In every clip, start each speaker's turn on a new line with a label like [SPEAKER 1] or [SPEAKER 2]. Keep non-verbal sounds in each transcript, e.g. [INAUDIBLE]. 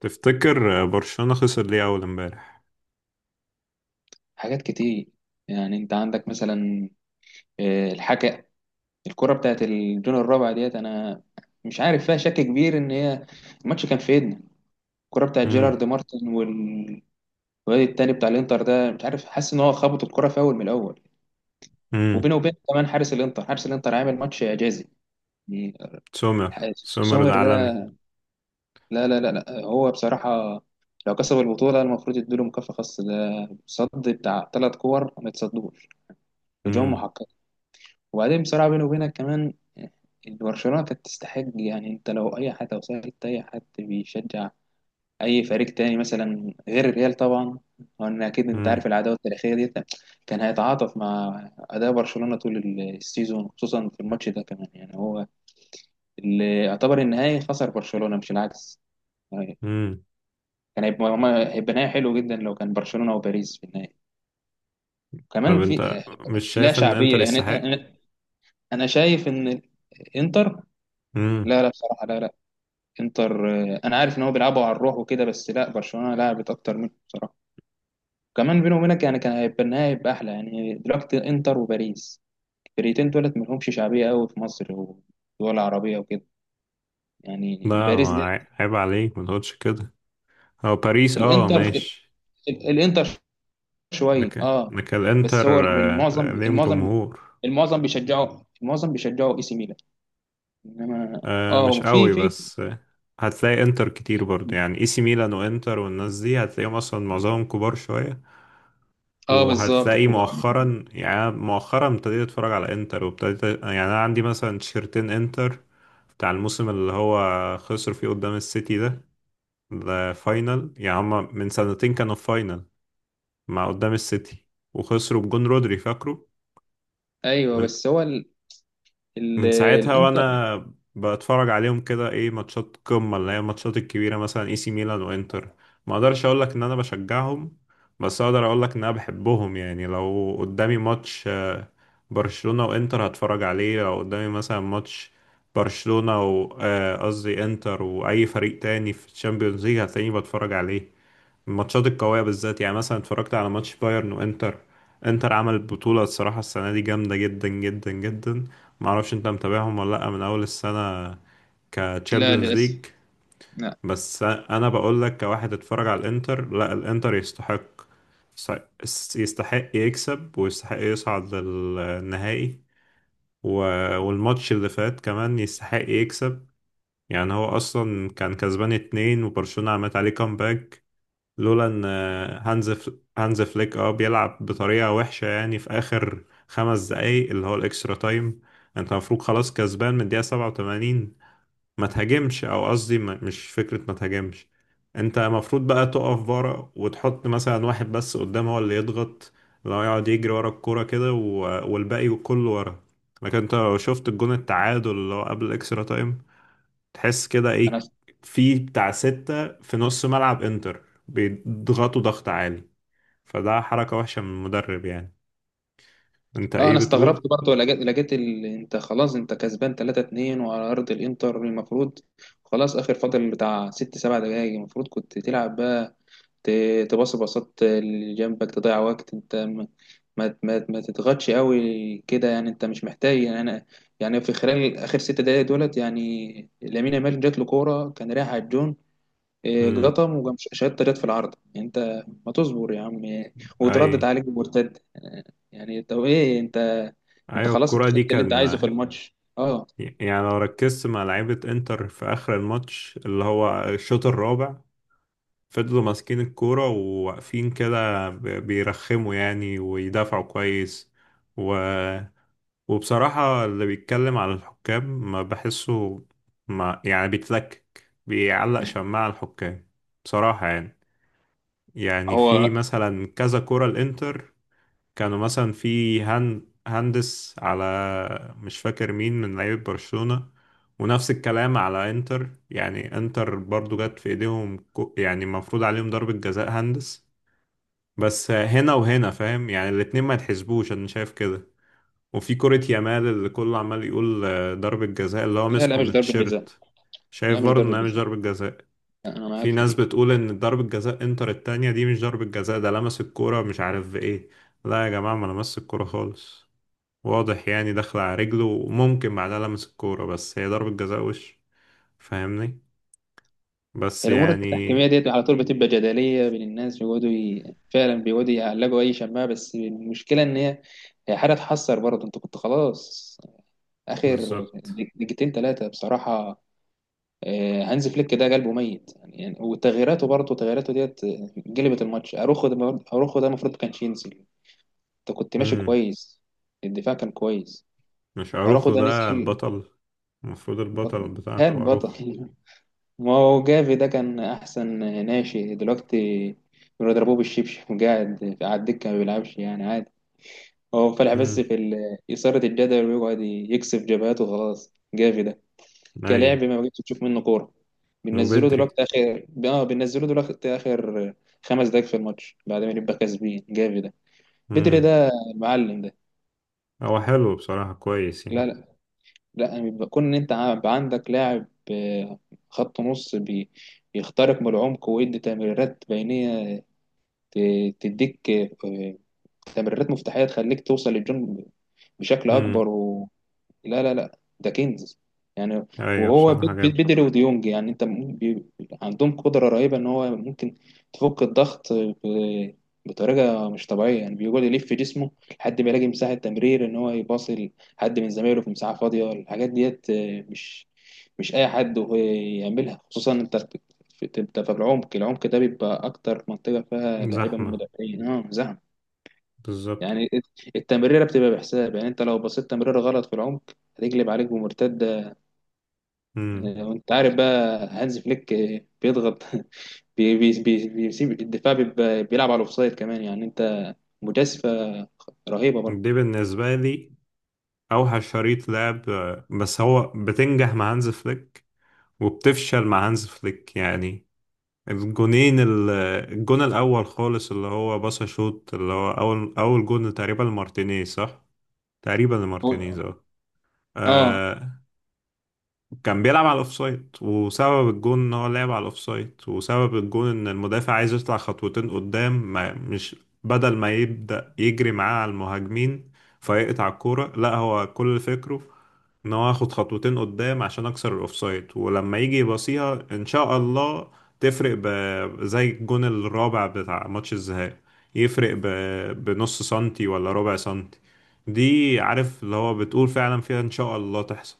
[SPEAKER 1] تفتكر برشلونة خسر ليه أول امبارح؟
[SPEAKER 2] حاجات كتير. يعني انت عندك مثلا، الحكا. الكرة بتاعت الجون الرابع ديت، انا مش عارف، فيها شك كبير ان هي الماتش كان في ايدنا. الكرة بتاعت
[SPEAKER 1] امم.
[SPEAKER 2] جيرارد مارتن والواد التاني بتاع الانتر ده، مش عارف، حاسس ان هو خبط الكرة في اول من الاول،
[SPEAKER 1] امم.
[SPEAKER 2] وبينه وبين كمان حارس الانتر عامل ماتش اعجازي يعني.
[SPEAKER 1] سومر، سومر ده
[SPEAKER 2] سومر ده،
[SPEAKER 1] عالمي.
[SPEAKER 2] لا لا لا لا، هو بصراحة لو كسب البطولة المفروض يديله مكافأة خاصة. ده صد بتاع 3 كور ما يتصدوش، هجوم
[SPEAKER 1] امم.
[SPEAKER 2] محقق. وبعدين بصراحة بيني وبينك كمان، إن برشلونة كانت تستحق. يعني انت لو اي حد، او سألت اي حد بيشجع اي فريق تاني مثلا غير الريال طبعا، وان اكيد انت
[SPEAKER 1] امم.
[SPEAKER 2] عارف العداوة التاريخية دي، كان هيتعاطف مع اداء برشلونة طول السيزون، خصوصا في الماتش ده كمان. يعني هو اللي يعتبر النهائي خسر برشلونة مش العكس يعني.
[SPEAKER 1] امم.
[SPEAKER 2] كان هيبقى هيبقى نهائي حلو جدا لو كان برشلونة وباريس في النهائي
[SPEAKER 1] طب
[SPEAKER 2] كمان. في
[SPEAKER 1] أنت مش
[SPEAKER 2] لا
[SPEAKER 1] شايف إن
[SPEAKER 2] شعبية.
[SPEAKER 1] إنتر
[SPEAKER 2] يعني
[SPEAKER 1] يستحق؟
[SPEAKER 2] انا أنا شايف ان انتر،
[SPEAKER 1] امم.
[SPEAKER 2] لا لا بصراحة لا لا، انتر، آه، انا عارف ان هو بيلعبوا على الروح وكده، بس لا، برشلونه لعبت اكتر منه بصراحه. كمان بيني وبينك، يعني كان هيبقى النهائي، هيبقى احلى. يعني دلوقتي انتر وباريس، الفرقتين دولت ملهمش شعبيه قوي في مصر ولا عربيه وكده
[SPEAKER 1] ده
[SPEAKER 2] يعني. باريس دي،
[SPEAKER 1] ما عي- عيب عليك ما تقولش كده. هو باريس أه،
[SPEAKER 2] الانتر،
[SPEAKER 1] ماشي،
[SPEAKER 2] الانتر، شويه
[SPEAKER 1] لكن
[SPEAKER 2] اه.
[SPEAKER 1] لكن
[SPEAKER 2] بس هو
[SPEAKER 1] الإنتر آه، ليهم جمهور.
[SPEAKER 2] المعظم بيشجعوا اي سي ميلان. انما،
[SPEAKER 1] آه، مش
[SPEAKER 2] اه، في
[SPEAKER 1] قوي
[SPEAKER 2] في
[SPEAKER 1] بس. آه، هتلاقي إنتر كتير برضه، يعني إي سي ميلان وإنتر والناس دي هتلاقيهم أصلا معظمهم كبار شوية.
[SPEAKER 2] اه، بالظبط،
[SPEAKER 1] وهتلاقي
[SPEAKER 2] كبار.
[SPEAKER 1] مؤخرا، يعني أنا مؤخرا ابتديت اتفرج على انتر، وابتديت، يعني انا عندي مثلا تيشرتين انتر بتاع الموسم اللي هو خسر فيه قدام السيتي ده. ده فاينل، يعني هما من سنتين كانوا في فاينل مع، قدام السيتي، وخسروا بجون رودري فاكره.
[SPEAKER 2] ايوه. بس هو
[SPEAKER 1] من ساعتها
[SPEAKER 2] الانتر،
[SPEAKER 1] وانا بتفرج عليهم كده، ايه، ماتشات قمة اللي هي الماتشات الكبيرة مثلا اي سي ميلان وانتر. ما اقدرش اقول لك ان انا بشجعهم، بس اقدر اقول لك ان انا بحبهم، يعني لو قدامي ماتش آه، برشلونة وانتر هتفرج عليه. لو قدامي مثلا ماتش برشلونة و قصدي انتر واي فريق تاني في الشامبيونز ليج هتلاقيني بتفرج عليه. الماتشات القوية بالذات، يعني مثلا اتفرجت على ماتش بايرن وانتر. انتر عمل بطولة، الصراحة السنة دي جامدة جدا جدا جدا. معرفش انت متابعهم ولا لأ من أول السنة
[SPEAKER 2] لا
[SPEAKER 1] كتشامبيونز
[SPEAKER 2] للاسف،
[SPEAKER 1] ليج.
[SPEAKER 2] لا.
[SPEAKER 1] بس أنا بقول لك، كواحد اتفرج على الانتر، لا، الانتر يستحق، يستحق يكسب ويستحق يصعد للنهائي و... والماتش اللي فات كمان يستحق يكسب. يعني هو أصلا كان كسبان اتنين وبرشلونة عملت عليه كامباك، لولا ان هانز فليك اه بيلعب بطريقة وحشة، يعني في اخر 5 دقايق اللي هو الاكسترا تايم. انت المفروض خلاص كسبان من الدقيقة 87، ما تهاجمش، او قصدي مش فكرة ما تهاجمش، انت المفروض بقى تقف ورا وتحط مثلا واحد بس قدام هو اللي يضغط، لو يقعد يجري ورا الكورة كده، والباقي كله ورا. لكن انت لو شفت الجون التعادل اللي هو قبل الاكسترا تايم تحس كده،
[SPEAKER 2] انا
[SPEAKER 1] ايه، في بتاع ستة في نص ملعب انتر بيضغطوا ضغط عالي. فده حركة وحشة من المدرب، يعني انت
[SPEAKER 2] اه
[SPEAKER 1] ايه
[SPEAKER 2] انا استغربت
[SPEAKER 1] بتقول؟
[SPEAKER 2] برضه. لقيت انت خلاص، انت كسبان 3-2 وعلى ارض الانتر. المفروض خلاص، اخر فاضل بتاع 6 7 دقايق، المفروض كنت تلعب بقى، ت... تباصي باصات اللي جنبك، تضيع وقت. انت ما تضغطش قوي كده. يعني انت مش محتاج. يعني انا، يعني في خلال اخر 6 دقايق دولت، يعني لامين يامال جات له كوره كان رايح على الجون، إيه،
[SPEAKER 1] امم.
[SPEAKER 2] جطم وجم شهادة رياض في العارضة. انت ما تصبر يا عم؟ إيه،
[SPEAKER 1] اي.
[SPEAKER 2] وتردد عليك بمرتد. يعني طب ايه انت
[SPEAKER 1] ايوه،
[SPEAKER 2] خلاص، انت
[SPEAKER 1] الكرة دي
[SPEAKER 2] خدت اللي انت عايزه في
[SPEAKER 1] كان،
[SPEAKER 2] الماتش، اه.
[SPEAKER 1] يعني لو ركزت مع لعيبة انتر في اخر الماتش اللي هو الشوط الرابع، فضلوا ماسكين الكورة وواقفين كده بيرخموا، يعني، ويدافعوا كويس. وبصراحة اللي بيتكلم على الحكام ما بحسه، ما، يعني بيتلكك، بيعلق شماعة على الحكام، بصراحة يعني. يعني
[SPEAKER 2] هو،
[SPEAKER 1] في مثلا كذا كرة الانتر كانوا مثلا في هندس على، مش فاكر مين من لعيبة برشلونة. ونفس الكلام على انتر، يعني انتر برضو جت في ايديهم يعني مفروض عليهم ضربة جزاء هندس. بس هنا وهنا، فاهم، يعني الاتنين ما يتحسبوش، انا شايف كده. وفي كرة يامال اللي كله عمال يقول آه، ضربة جزاء اللي هو
[SPEAKER 2] لا
[SPEAKER 1] مسكه
[SPEAKER 2] لا،
[SPEAKER 1] من
[SPEAKER 2] مش ضربة جزاء.
[SPEAKER 1] التيشيرت،
[SPEAKER 2] لا،
[SPEAKER 1] شايف
[SPEAKER 2] مش
[SPEAKER 1] برضه
[SPEAKER 2] ضربة
[SPEAKER 1] انها مش
[SPEAKER 2] جزاء.
[SPEAKER 1] ضربة جزاء.
[SPEAKER 2] انا معاك
[SPEAKER 1] في
[SPEAKER 2] في
[SPEAKER 1] ناس
[SPEAKER 2] دي.
[SPEAKER 1] بتقول ان ضربة جزاء انتر التانية دي مش ضربة جزاء، ده لمس الكورة مش عارف بايه. لا يا جماعة، ما لمس الكورة خالص، واضح يعني داخل على رجله وممكن بعدها لمس الكورة، بس هي ضربة جزاء وش، فاهمني، بس
[SPEAKER 2] الامور
[SPEAKER 1] يعني.
[SPEAKER 2] التحكيميه ديت على طول بتبقى جدليه بين الناس، بيقعدوا فعلا بيقعدوا يعلقوا اي شماعه. بس المشكله ان هي حاجه تحسر برضه. انت كنت خلاص، اخر
[SPEAKER 1] بالظبط.
[SPEAKER 2] دقيقتين ثلاثه بصراحه. هانز فليك ده قلبه ميت يعني. وتغييراته، برضه تغييراته ديت، جلبت الماتش. اروخو ده، اروخو ده المفروض كانش ينزل. انت كنت ماشي
[SPEAKER 1] امم.
[SPEAKER 2] كويس، الدفاع كان كويس.
[SPEAKER 1] مش
[SPEAKER 2] اروخو
[SPEAKER 1] اروخو
[SPEAKER 2] ده
[SPEAKER 1] ده
[SPEAKER 2] نزل
[SPEAKER 1] البطل؟ المفروض البطل
[SPEAKER 2] بطل.
[SPEAKER 1] بتاعكوا
[SPEAKER 2] كان
[SPEAKER 1] اروخو.
[SPEAKER 2] بطل [LAUGHS] ما هو جافي ده كان احسن. ناشئ دلوقتي بيضربوه بالشبشب، وقاعد على الدكه ما بيلعبش يعني عادي. هو فالح بس
[SPEAKER 1] امم.
[SPEAKER 2] في إثارة الجدل، ويقعد يكسب جبهاته. خلاص جافي ده
[SPEAKER 1] اي.
[SPEAKER 2] كلاعب، ما بقتش تشوف منه كوره.
[SPEAKER 1] وبدري.
[SPEAKER 2] بننزله دلوقتي اخر 5 دقايق في الماتش، بعد ما نبقى كاسبين. جافي ده، بدري
[SPEAKER 1] مم.
[SPEAKER 2] ده، المعلم ده،
[SPEAKER 1] هو حلو بصراحة، كويس
[SPEAKER 2] لا
[SPEAKER 1] يعني.
[SPEAKER 2] لا لا. يعني بيبقى كون ان انت عندك لاعب، آه، خط نص، بيخترق من العمق ويدي تمريرات بينيه، تديك، آه، تمريرات مفتاحيه تخليك توصل للجون بشكل اكبر.
[SPEAKER 1] امم.
[SPEAKER 2] لا لا لا، ده كنز يعني.
[SPEAKER 1] ايوه
[SPEAKER 2] وهو
[SPEAKER 1] بصراحة جامد.
[SPEAKER 2] بدري وديونج يعني، انت عندهم قدرة رهيبة ان هو ممكن تفك الضغط بطريقة مش طبيعية. يعني بيقعد يلف في جسمه لحد ما يلاقي مساحة تمرير، ان هو يباصي لحد من زمايله في مساحة فاضية. الحاجات ديت، مش اي حد هو يعملها. خصوصا انت انت في العمق. العمق ده بيبقى اكتر منطقة فيها لعيبة من
[SPEAKER 1] زحمة،
[SPEAKER 2] المدافعين، اه، زحمة
[SPEAKER 1] بالظبط.
[SPEAKER 2] يعني. التمريره بتبقى بحساب. يعني انت لو بصيت تمريره غلط في العمق، هتقلب عليك بمرتده.
[SPEAKER 1] امم.
[SPEAKER 2] وانت عارف بقى هانز فليك بيضغط [LAUGHS] بي بي بي بيسيب الدفاع، بيلعب على الاوفسايد كمان. يعني انت، مجازفه رهيبه برضه.
[SPEAKER 1] دي بالنسبة لي اوحش شريط لعب آه، بس هو بتنجح مع هانز فليك وبتفشل مع هانز فليك، يعني الجونين الجون الاول خالص اللي هو باصا شوت اللي هو اول جون تقريبا لمارتينيز، صح؟ تقريبا لمارتينيز،
[SPEAKER 2] هو-
[SPEAKER 1] اه.
[SPEAKER 2] اه،
[SPEAKER 1] آه، كان بيلعب على الاوفسايد، وسبب الجون ان هو لعب على الاوفسايد، وسبب الجون ان المدافع عايز يطلع خطوتين قدام، ما مش، بدل ما يبدأ يجري معاه على المهاجمين فيقطع الكورة، لا، هو كل فكره ان هو ياخد خطوتين قدام عشان اكسر الاوفسايد، ولما يجي يباصيها ان شاء الله تفرق ب... زي الجون الرابع بتاع ماتش الذهاب، يفرق ب... بنص سنتي ولا ربع سنتي. دي عارف اللي هو بتقول فعلا فيها ان شاء الله تحصل،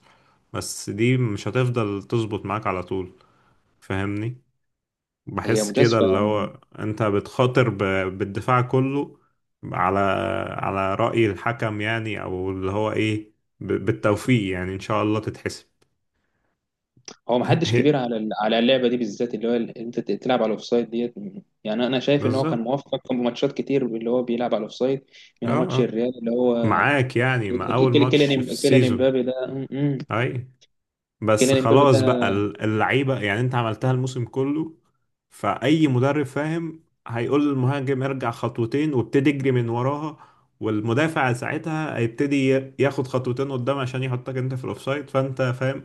[SPEAKER 1] بس دي مش هتفضل تظبط معاك على طول، فاهمني.
[SPEAKER 2] هي
[SPEAKER 1] بحس كده
[SPEAKER 2] مجازفه.
[SPEAKER 1] اللي هو انت بتخاطر ب... بالدفاع كله، على، على رأي الحكم يعني، او اللي هو ايه، ب... بالتوفيق يعني ان شاء الله تتحسب.
[SPEAKER 2] هو ما
[SPEAKER 1] [LAUGHS]
[SPEAKER 2] حدش
[SPEAKER 1] هي-
[SPEAKER 2] كبير على على اللعبه دي بالذات، اللي هو انت تلعب على الاوفسايد ديت. يعني انا شايف ان هو كان
[SPEAKER 1] بالظبط.
[SPEAKER 2] موفق في ماتشات كتير اللي هو بيلعب على الاوفسايد، منها
[SPEAKER 1] اه،
[SPEAKER 2] ماتش
[SPEAKER 1] اه،
[SPEAKER 2] الريال اللي هو
[SPEAKER 1] معاك، يعني مع
[SPEAKER 2] ك-
[SPEAKER 1] اول
[SPEAKER 2] ك-
[SPEAKER 1] ماتش في
[SPEAKER 2] كيليان
[SPEAKER 1] السيزون.
[SPEAKER 2] امبابي ده
[SPEAKER 1] اي. بس
[SPEAKER 2] كيليان امبابي ده
[SPEAKER 1] خلاص بقى اللعيبة، يعني انت عملتها الموسم كله، فأي مدرب فاهم هيقول للمهاجم ارجع خطوتين وابتدي اجري من وراها، والمدافع ساعتها هيبتدي ياخد خطوتين قدام عشان يحطك انت في الاوفسايد، فانت فاهم،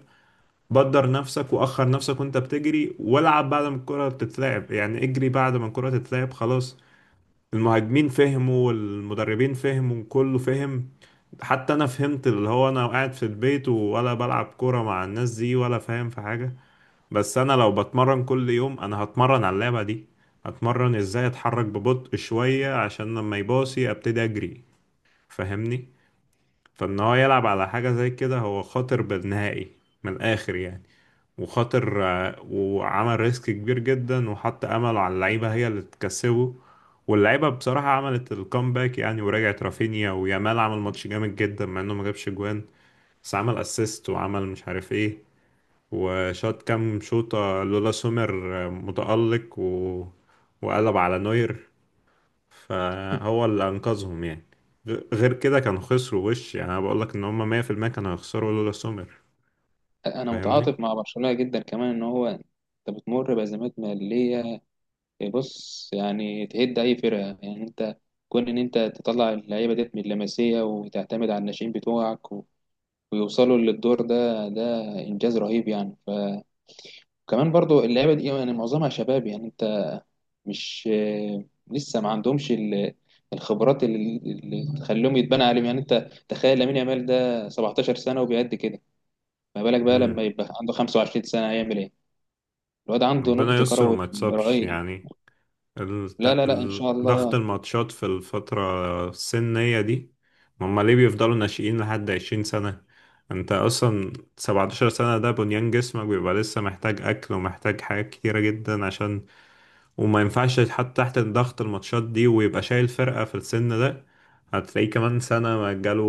[SPEAKER 1] بدر نفسك واخر نفسك وانت بتجري، والعب بعد ما الكرة تتلعب، يعني اجري بعد ما الكرة تتلعب، خلاص. المهاجمين فهموا والمدربين فهموا، كله فهم، حتى انا فهمت اللي هو انا قاعد في البيت ولا بلعب كورة مع الناس دي ولا فاهم في حاجة. بس انا لو بتمرن كل يوم انا هتمرن على اللعبة دي، هتمرن ازاي اتحرك ببطء شوية عشان لما يباصي ابتدي اجري، فاهمني. فان هو يلعب على حاجة زي كده، هو خاطر بالنهائي من الاخر يعني، وخاطر آه، وعمل ريسك كبير جدا وحط امله على اللعيبة هي اللي تكسبه. واللعيبة بصراحة عملت الكومباك، يعني ورجعت رافينيا ويامال عمل ماتش جامد جدا، مع انه ما جابش جوان، بس عمل اسيست وعمل مش عارف ايه، وشاط كام شوطة، لولا سومر آه، متألق و... وقلب على نوير، فهو
[SPEAKER 2] [LAUGHS]
[SPEAKER 1] اللي انقذهم يعني. غير كده كانوا خسروا وش، يعني انا بقول لك ان هم 100% كانوا هيخسروا لولا سومر،
[SPEAKER 2] انا
[SPEAKER 1] فاهمني.
[SPEAKER 2] متعاطف مع برشلونه جدا، كمان ان هو انت بتمر بازمات ماليه. بص يعني، تهد اي فرقه. يعني انت كون ان انت تطلع اللعيبه ديت من اللمسيه وتعتمد على الناشئين بتوعك ويوصلوا للدور ده، ده انجاز رهيب يعني. فكمان برضو اللعيبه دي يعني معظمها شباب. يعني انت مش [HESITATION] لسه ما عندهمش الخبرات اللي تخليهم يتبنى عليهم. يعني انت تخيل، لامين يامال ده 17 سنه وبيأدي كده، ما بالك بقى لما
[SPEAKER 1] امم.
[SPEAKER 2] يبقى عنده 25 سنه هيعمل ايه؟ الواد عنده
[SPEAKER 1] ربنا
[SPEAKER 2] نضج
[SPEAKER 1] يستر
[SPEAKER 2] كروي
[SPEAKER 1] وما يتصابش
[SPEAKER 2] رهيب.
[SPEAKER 1] يعني،
[SPEAKER 2] لا لا لا ان شاء
[SPEAKER 1] ضغط
[SPEAKER 2] الله.
[SPEAKER 1] الماتشات في الفترة السنية دي. ما هم ليه بيفضلوا ناشئين لحد 20 سنة؟ انت اصلا 17 سنة، ده بنيان جسمك بيبقى لسه محتاج اكل ومحتاج حاجات كتيرة جدا عشان، وما ينفعش يتحط تحت ضغط الماتشات دي ويبقى شايل فرقة في السن ده. هتلاقيه كمان سنة ما جاله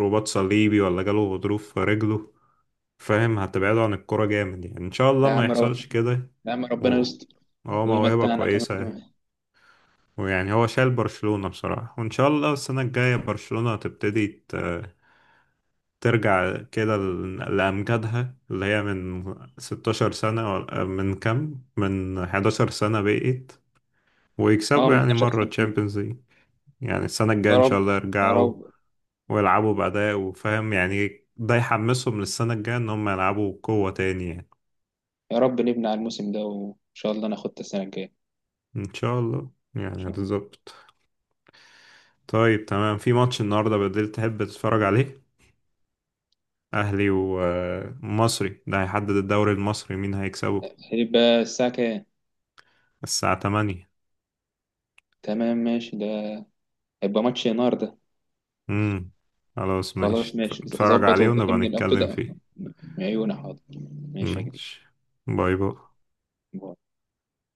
[SPEAKER 1] رباط صليبي ولا جاله غضروف في رجله، فاهم، هتبعده عن الكرة جامد، يعني ان شاء الله
[SPEAKER 2] لا يا
[SPEAKER 1] ما
[SPEAKER 2] عم،
[SPEAKER 1] يحصلش كده.
[SPEAKER 2] لا يا عم،
[SPEAKER 1] و-
[SPEAKER 2] ربنا يستر.
[SPEAKER 1] هو موهبة
[SPEAKER 2] ويمتعنا كمان
[SPEAKER 1] كويسة، ويعني هو شايل برشلونة بصراحة، وإن شاء الله السنة الجاية برشلونة تبتدي ترجع كده لأمجادها اللي هي من 16 سنة من كام؟ من 11 سنة بقيت،
[SPEAKER 2] اه،
[SPEAKER 1] ويكسبوا
[SPEAKER 2] من
[SPEAKER 1] يعني
[SPEAKER 2] 11
[SPEAKER 1] مرة
[SPEAKER 2] سنة.
[SPEAKER 1] تشامبيونز ليج. يعني السنة الجاية
[SPEAKER 2] يا
[SPEAKER 1] إن شاء
[SPEAKER 2] رب،
[SPEAKER 1] الله
[SPEAKER 2] يا
[SPEAKER 1] يرجعوا،
[SPEAKER 2] رب.
[SPEAKER 1] ويلعبوا بأداء، وفاهم يعني، ده يحمسهم للسنة الجاية إن هم يلعبوا بقوة تاني يعني.
[SPEAKER 2] يا رب نبني على الموسم ده، وان شاء الله ناخد السنة الجاية، ان
[SPEAKER 1] إن شاء الله يعني،
[SPEAKER 2] شاء الله.
[SPEAKER 1] بالظبط. طيب تمام، في ماتش النهاردة بالليل تحب تتفرج عليه؟ أهلي ومصري ده هيحدد الدوري المصري مين هيكسبه.
[SPEAKER 2] هيبقى الساعة كام؟
[SPEAKER 1] الساعة تمانية.
[SPEAKER 2] تمام ماشي ده. هيبقى ماتش نار ده.
[SPEAKER 1] امم. خلاص
[SPEAKER 2] خلاص
[SPEAKER 1] ماشي،
[SPEAKER 2] ماشي،
[SPEAKER 1] اتفرج
[SPEAKER 2] ظبط
[SPEAKER 1] عليه ونبقى
[SPEAKER 2] وكلمني لو
[SPEAKER 1] نتكلم
[SPEAKER 2] كده.
[SPEAKER 1] فيه.
[SPEAKER 2] عيوني، حاضر. ماشي يا
[SPEAKER 1] ماشي، باي باي.
[SPEAKER 2] كبير.